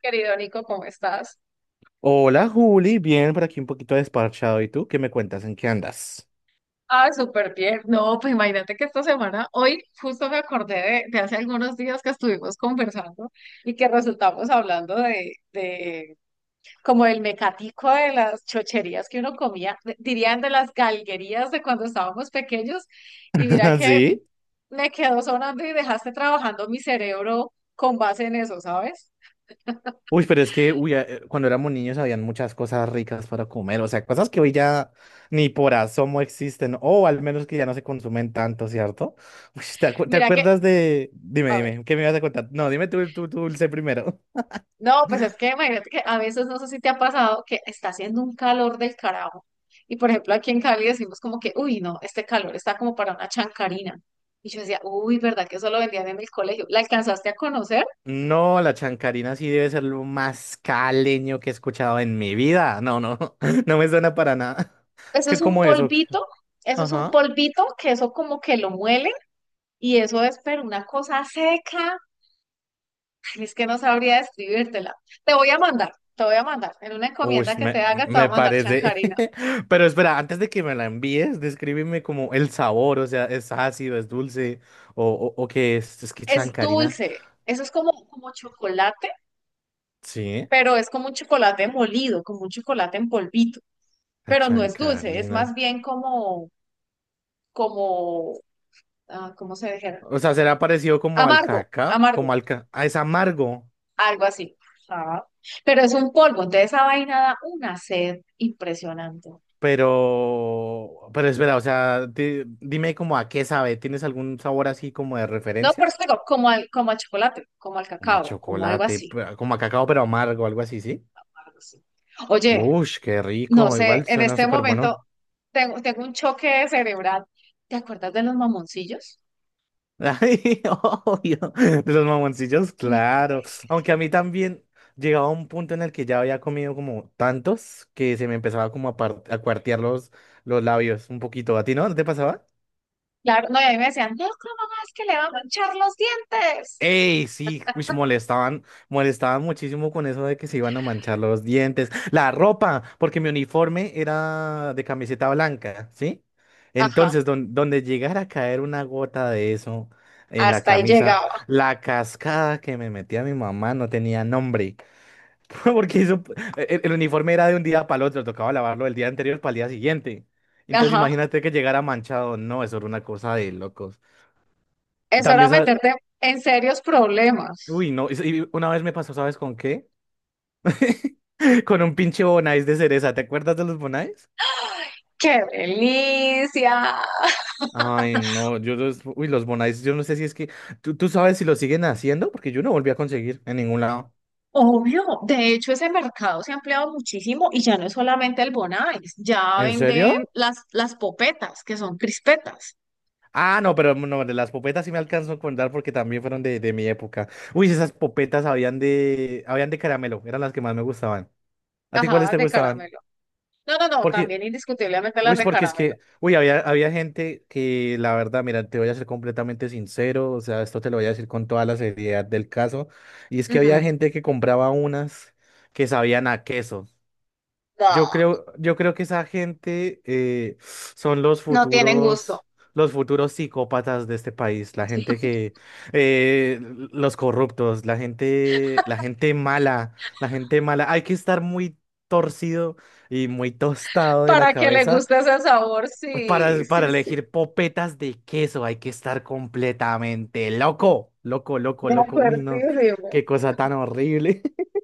Querido Nico, ¿cómo estás? Hola Juli, bien por aquí un poquito desparchado. ¿Y tú qué me cuentas? ¿En qué andas? Ah, súper bien. No, pues imagínate que esta semana, hoy justo me acordé de hace algunos días que estuvimos conversando y que resultamos hablando de como el mecatico de las chocherías que uno comía, dirían de las galguerías de cuando estábamos pequeños. Y mira que ¿Sí? me quedó sonando y dejaste trabajando mi cerebro con base en eso, ¿sabes? Uy, pero es que cuando éramos niños habían muchas cosas ricas para comer, o sea, cosas que hoy ya ni por asomo existen, o al menos que ya no se consumen tanto, ¿cierto? Uy, ¿te Mira que, acuerdas de... Dime, a ver. dime, ¿qué me ibas a contar? No, dime tú dulce primero. No, pues es que imagínate que a veces no sé si te ha pasado que está haciendo un calor del carajo. Y por ejemplo, aquí en Cali decimos como que, uy, no, este calor está como para una chancarina. Y yo decía, uy, ¿verdad que eso lo vendían en el colegio? ¿La alcanzaste a conocer? No, la chancarina sí debe ser lo más caleño que he escuchado en mi vida. No, no, no me suena para nada. Eso ¿Qué es un como eso? polvito, eso es un Ajá. polvito que eso como que lo muelen y eso es, pero una cosa seca. Ay, es que no sabría describírtela. Te voy a mandar, te voy a mandar. En una Uy, encomienda que te haga, te voy me a mandar parece. chancarina. Pero espera, antes de que me la envíes, descríbeme como el sabor, o sea, ¿es ácido, es dulce o qué es? Es que Es chancarina. dulce, eso es como, como chocolate, Sí, pero es como un chocolate molido, como un chocolate en polvito, la pero no es dulce, es más chancarina. bien como, como, ¿cómo se dijera? O sea, será parecido como al Amargo, cacao, amargo, ah, es amargo, algo así. Ah, pero es un polvo, entonces esa vaina da una sed impresionante. pero... Pero espera, o sea, dime como a qué sabe. ¿Tienes algún sabor así como de No, pero referencia? es que digo, como al, chocolate, como al Como a cacao, como algo chocolate, así. Como a cacao, pero amargo, algo así, ¿sí? Algo así. Oye, Uy, qué no rico, sé, igual en suena este súper momento bueno. tengo un choque cerebral. ¿Te acuerdas de los mamoncillos? Ay, obvio, de los mamoncillos, Uy, qué. claro. Aunque a mí también llegaba un punto en el que ya había comido como tantos que se me empezaba a cuartear los labios un poquito. ¿A ti no? ¿No te pasaba? Claro, no, y a mí me decían, no, ¿cómo es que le va a echar los dientes? Ey, sí, uish, molestaban, molestaban muchísimo con eso de que se iban a manchar los dientes, la ropa, porque mi uniforme era de camiseta blanca, ¿sí? Ajá, Entonces, donde llegara a caer una gota de eso en la hasta ahí camisa, llegaba. la cascada que me metía mi mamá no tenía nombre, porque eso, el uniforme era de un día para el otro, tocaba lavarlo el día anterior para el día siguiente. Entonces, Ajá, imagínate que llegara manchado, no, eso era una cosa de locos. eso era También, ¿sabes? meterte en serios Uy, problemas. no, y una vez me pasó, ¿sabes con qué? Con un pinche Bonais de cereza, ¿te acuerdas de los Bonais? ¡Qué delicia! Ay, no, yo los, uy, los Bonais, yo no sé si es que, ¿tú sabes si los siguen haciendo? Porque yo no volví a conseguir en ningún lado. Obvio, de hecho ese mercado se ha ampliado muchísimo y ya no es solamente el Bonais, ya ¿En serio? venden las popetas, que son crispetas. Ah, no, pero no, de las popetas sí me alcanzo a contar porque también fueron de mi época. Uy, esas popetas habían de caramelo, eran las que más me gustaban. ¿A ti cuáles Ajá, te de gustaban? caramelo. No, no, no, Porque también indiscutiblemente las uy, de porque es caramelo. que, uy, había, había gente que, la verdad, mira, te voy a ser completamente sincero, o sea, esto te lo voy a decir con toda la seriedad del caso, y es que había Ujú. gente que compraba unas que sabían a queso. No, Yo creo que esa gente son no tienen gusto. Los futuros psicópatas de este país, la gente que, eh, los corruptos, la gente mala, la gente mala. Hay que estar muy torcido y muy tostado de la Para que le cabeza guste ese sabor, sí, sí, para sí. elegir popetas de queso hay que estar completamente loco, loco, loco, De loco. Uy, no, acuerdísimo. qué cosa tan horrible.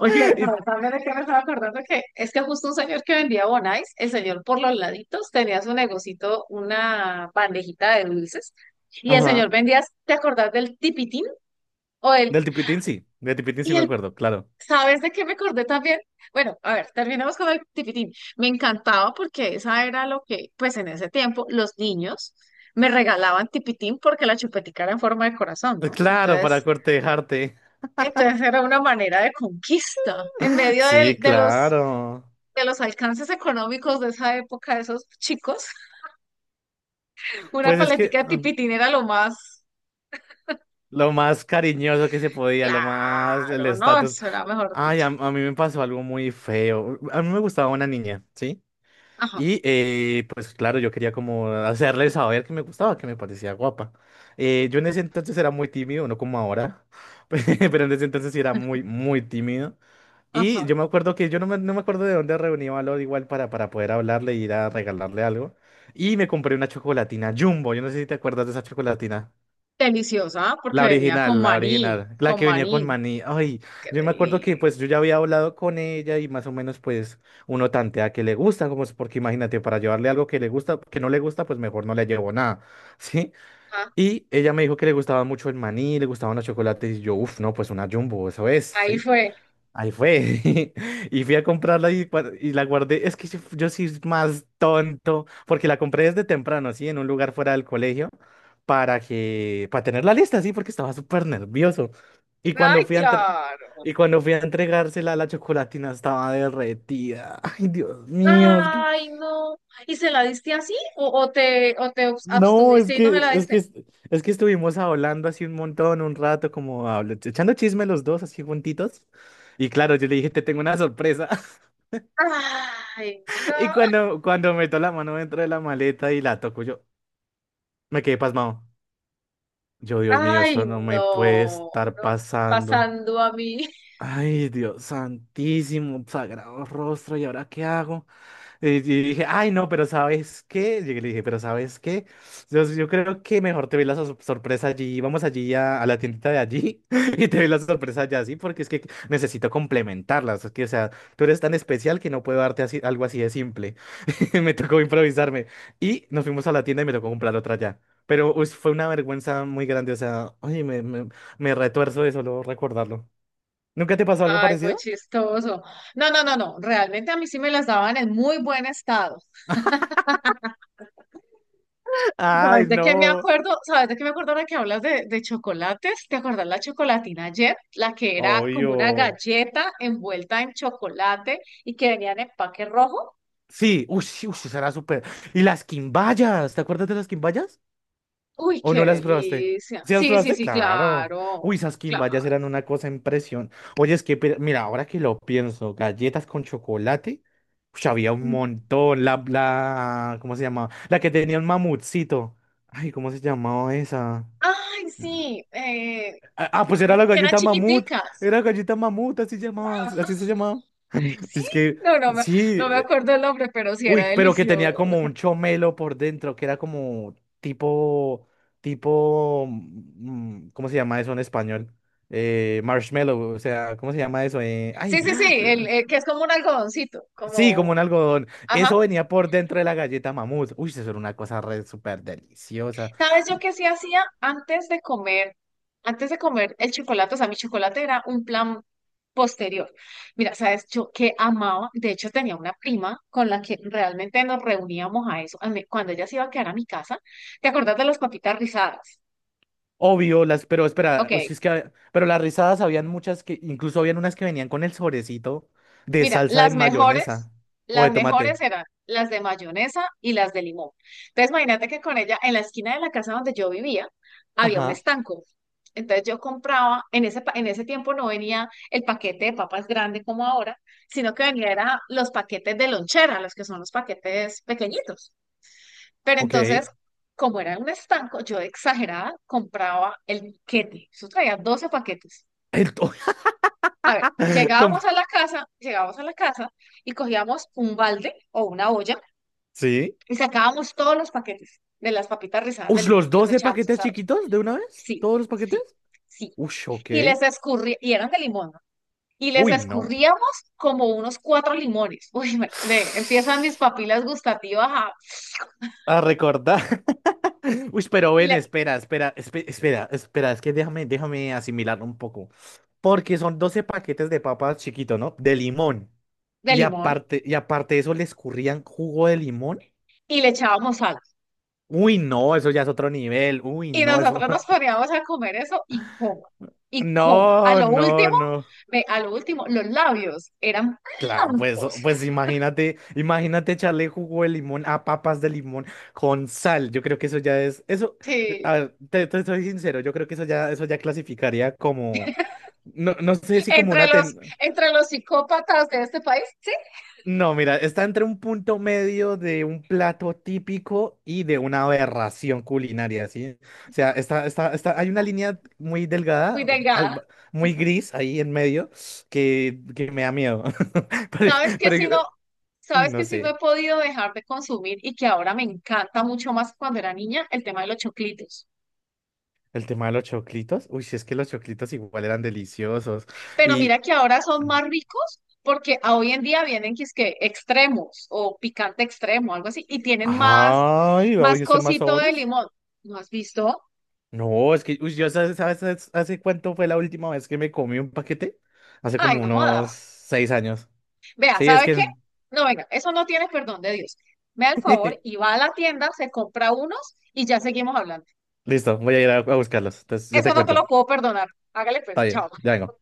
Oye, Y- ¿sabes también de qué me estaba acordando? Que es que justo un señor que vendía bonais, el señor por los laditos tenía su negocito, una bandejita de dulces, y el señor Ajá, vendía, ¿te acordás del tipitín? O el, del tipitín sí y me el, acuerdo, claro. ¿sabes de qué me acordé también? Bueno, a ver, terminemos con el tipitín. Me encantaba porque esa era lo que, pues en ese tiempo, los niños me regalaban tipitín porque la chupetica era en forma de corazón, ¿no? Claro, para Entonces, cortejarte. Entonces era una manera de conquista. En medio Sí, claro. de los alcances económicos de esa época, de esos chicos, una Pues es que paletica de ah, tipitín era lo más lo más cariñoso que se podía, lo más el claro, ¿no? estatus. Eso era mejor Ay, dicho. a mí me pasó algo muy feo. A mí me gustaba una niña, ¿sí? Ajá, Y pues claro, yo quería como hacerle saber que me gustaba, que me parecía guapa. Yo en ese entonces era muy tímido, no como ahora, pero en ese entonces sí era muy, muy tímido. Y ajá. yo me acuerdo que yo no me acuerdo de dónde reuní valor igual para poder hablarle y ir a regalarle algo. Y me compré una chocolatina Jumbo, yo no sé si te acuerdas de esa chocolatina. Deliciosa, porque La venía con original, la maní, original, la con que venía con maní. maní. Ay, Qué yo me acuerdo que delicia. pues yo ya había hablado con ella y más o menos pues uno tantea que le gusta, como es porque imagínate, para llevarle algo que le gusta, que no le gusta, pues mejor no le llevo nada, ¿sí? Ah, Y ella me dijo que le gustaba mucho el maní, le gustaban los chocolates y yo, uff, no, pues una jumbo, eso es, ahí ¿sí? fue. Ahí fue. Y fui a comprarla y, y la guardé. Es que yo soy más tonto, porque la compré desde temprano, así, en un lugar fuera del colegio, para que, para tener la lista, sí, porque estaba súper nervioso. Y Ay, cuando fui a entre- claro. y cuando fui a entregársela, la chocolatina estaba derretida. Ay, Dios mío, Ay, no. ¿Y se la diste así? O te no, abstuviste y no me la diste? es que estuvimos hablando así un montón, un rato, echando chisme los dos, así juntitos. Y claro, yo le dije, te tengo una sorpresa. Ay, no. Y cuando meto la mano dentro de la maleta y la toco, yo me quedé pasmado. Yo, Dios mío, Ay, esto no me puede no, no, estar pasando. pasando a mí. Ay, Dios santísimo, sagrado rostro, ¿y ahora qué hago? Y dije, ay, no, pero ¿sabes qué? Llegué y le dije, pero ¿sabes qué? Yo creo que mejor te ve la sorpresa allí. Vamos allí a la tiendita de allí y te ve la sorpresa allá, sí, porque es que necesito complementarlas. Es que, o sea, tú eres tan especial que no puedo darte así, algo así de simple. Me tocó improvisarme. Y nos fuimos a la tienda y me tocó comprar otra allá. Pero uy, fue una vergüenza muy grande. O sea, oye, me retuerzo de solo recordarlo. ¿Nunca te pasó algo Ay, muy parecido? chistoso. No, no, no, no. Realmente a mí sí me las daban en muy buen estado. Ay, ¿Sabes de qué me no. acuerdo? ¿Sabes de qué me acuerdo ahora que hablas de chocolates? ¿Te acuerdas la chocolatina ayer? La que era como una Obvio. galleta envuelta en chocolate y que venía en empaque rojo. Sí, uy, sí, uy, sí, será súper. ¿Y las quimbayas? ¿Te acuerdas de las quimbayas? Uy, ¿O no qué las probaste? delicia. ¿Sí las Sí, sí, probaste? sí, Claro. claro, Uy, esas quimbayas claro. eran una cosa impresión. Oye, es que, mira, ahora que lo pienso, galletas con chocolate. Uy, había un montón. ¿Cómo se llamaba? La que tenía un mamutcito. Ay, ¿cómo se llamaba esa? Ay, sí. Pues era ay, la que eran galleta mamut. chiquiticas. Era galleta mamut, así llamaba, así se llamaba. Sí, Es que, no, no me, sí, no me eh, acuerdo el nombre, pero sí uy, era pero que delicioso. tenía como un chomelo por dentro, que era como tipo, ¿cómo se llama eso en español? Marshmallow, o sea, ¿cómo se llama eso? Sí, sí, sí, se- que es como un algodoncito, sí, como como, un algodón. ajá. Eso venía por dentro de la galleta mamut. Uy, eso era una cosa re súper deliciosa. ¿Sabes yo qué sí hacía antes de comer? Antes de comer el chocolate, o sea, mi chocolate era un plan posterior. Mira, ¿sabes yo qué amaba? De hecho, tenía una prima con la que realmente nos reuníamos a eso. Cuando ella se iba a quedar a mi casa, ¿te acordás de las papitas rizadas? Obvio, las, pero espera, Ok, uy, si es que, pero las rizadas habían muchas que, incluso habían unas que venían con el sobrecito de mira, salsa de mayonesa o las de tomate. mejores eran las de mayonesa y las de limón. Entonces, imagínate que con ella, en la esquina de la casa donde yo vivía, había un Ajá. estanco. Entonces yo compraba, en ese, en ese tiempo no venía el paquete de papas grande como ahora, sino que venía era los paquetes de lonchera, los que son los paquetes pequeñitos. Pero Ok. entonces, como era un estanco, yo de exagerada compraba el paquete. Eso traía 12 paquetes. to- A ver, Com- llegábamos a la casa, llegábamos a la casa y cogíamos un balde o una olla Sí. y sacábamos todos los paquetes de las papitas rizadas de Ush, limón los y los 12 echábamos paquetes asados. chiquitos de una vez. Sí, ¿Todos los paquetes? sí, sí. Ush, ok. Y les escurría, y eran de limón, ¿no? Y les Uy, no. escurríamos como unos cuatro limones. Uy, ve, empiezan mis papilas gustativas A recordar. Uy, pero y ven, le, espera, es que déjame, déjame asimilar un poco. Porque son 12 paquetes de papas chiquito, ¿no? De limón. de limón Y aparte de eso, le escurrían jugo de limón. y le echábamos sal. Uy, no, eso ya es otro nivel. Uy, Y no, eso. nosotros nos poníamos a comer eso y coma, y coma. A No, lo no, último, no. ve, a lo último, los labios eran Claro, pues, blancos. pues imagínate, imagínate echarle jugo de limón a papas de limón con sal. Yo creo que eso ya es, a Sí, ver, te soy sincero, yo creo que eso ya clasificaría como, no, no sé si como entre una los, entre los psicópatas de este país, sí, no, mira, está entre un punto medio de un plato típico y de una aberración culinaria, ¿sí? O sea, está, hay una línea muy muy delgada, al- delgada. muy gris ahí en medio, que me da miedo. Pero, ¿Sabes qué si no, pero, uy, sabes no que si no he sé. podido dejar de consumir y que ahora me encanta mucho más que cuando era niña? El tema de los choclitos. El tema de los choclitos. Uy, si es que los choclitos igual eran deliciosos. Pero mira Y. que ahora son más ricos porque a hoy en día vienen que es que extremos o picante extremo, algo así, y tienen más, Ay, ¿va más a hacer más cosito de sabores? limón. ¿No has visto? No, es que, uy, yo sabes, sabes hace cuánto fue la última vez que me comí un paquete? Hace Ay, como no unos jodas. 6 años. Vea, Sí, es ¿sabe qué? que. No, venga, eso no tiene perdón de Dios. Me da el favor y va a la tienda, se compra unos y ya seguimos hablando. Listo, voy a ir a buscarlos. Entonces, yo Eso te no te lo cuento. puedo perdonar. Hágale Está pues, bien, chao. ya vengo.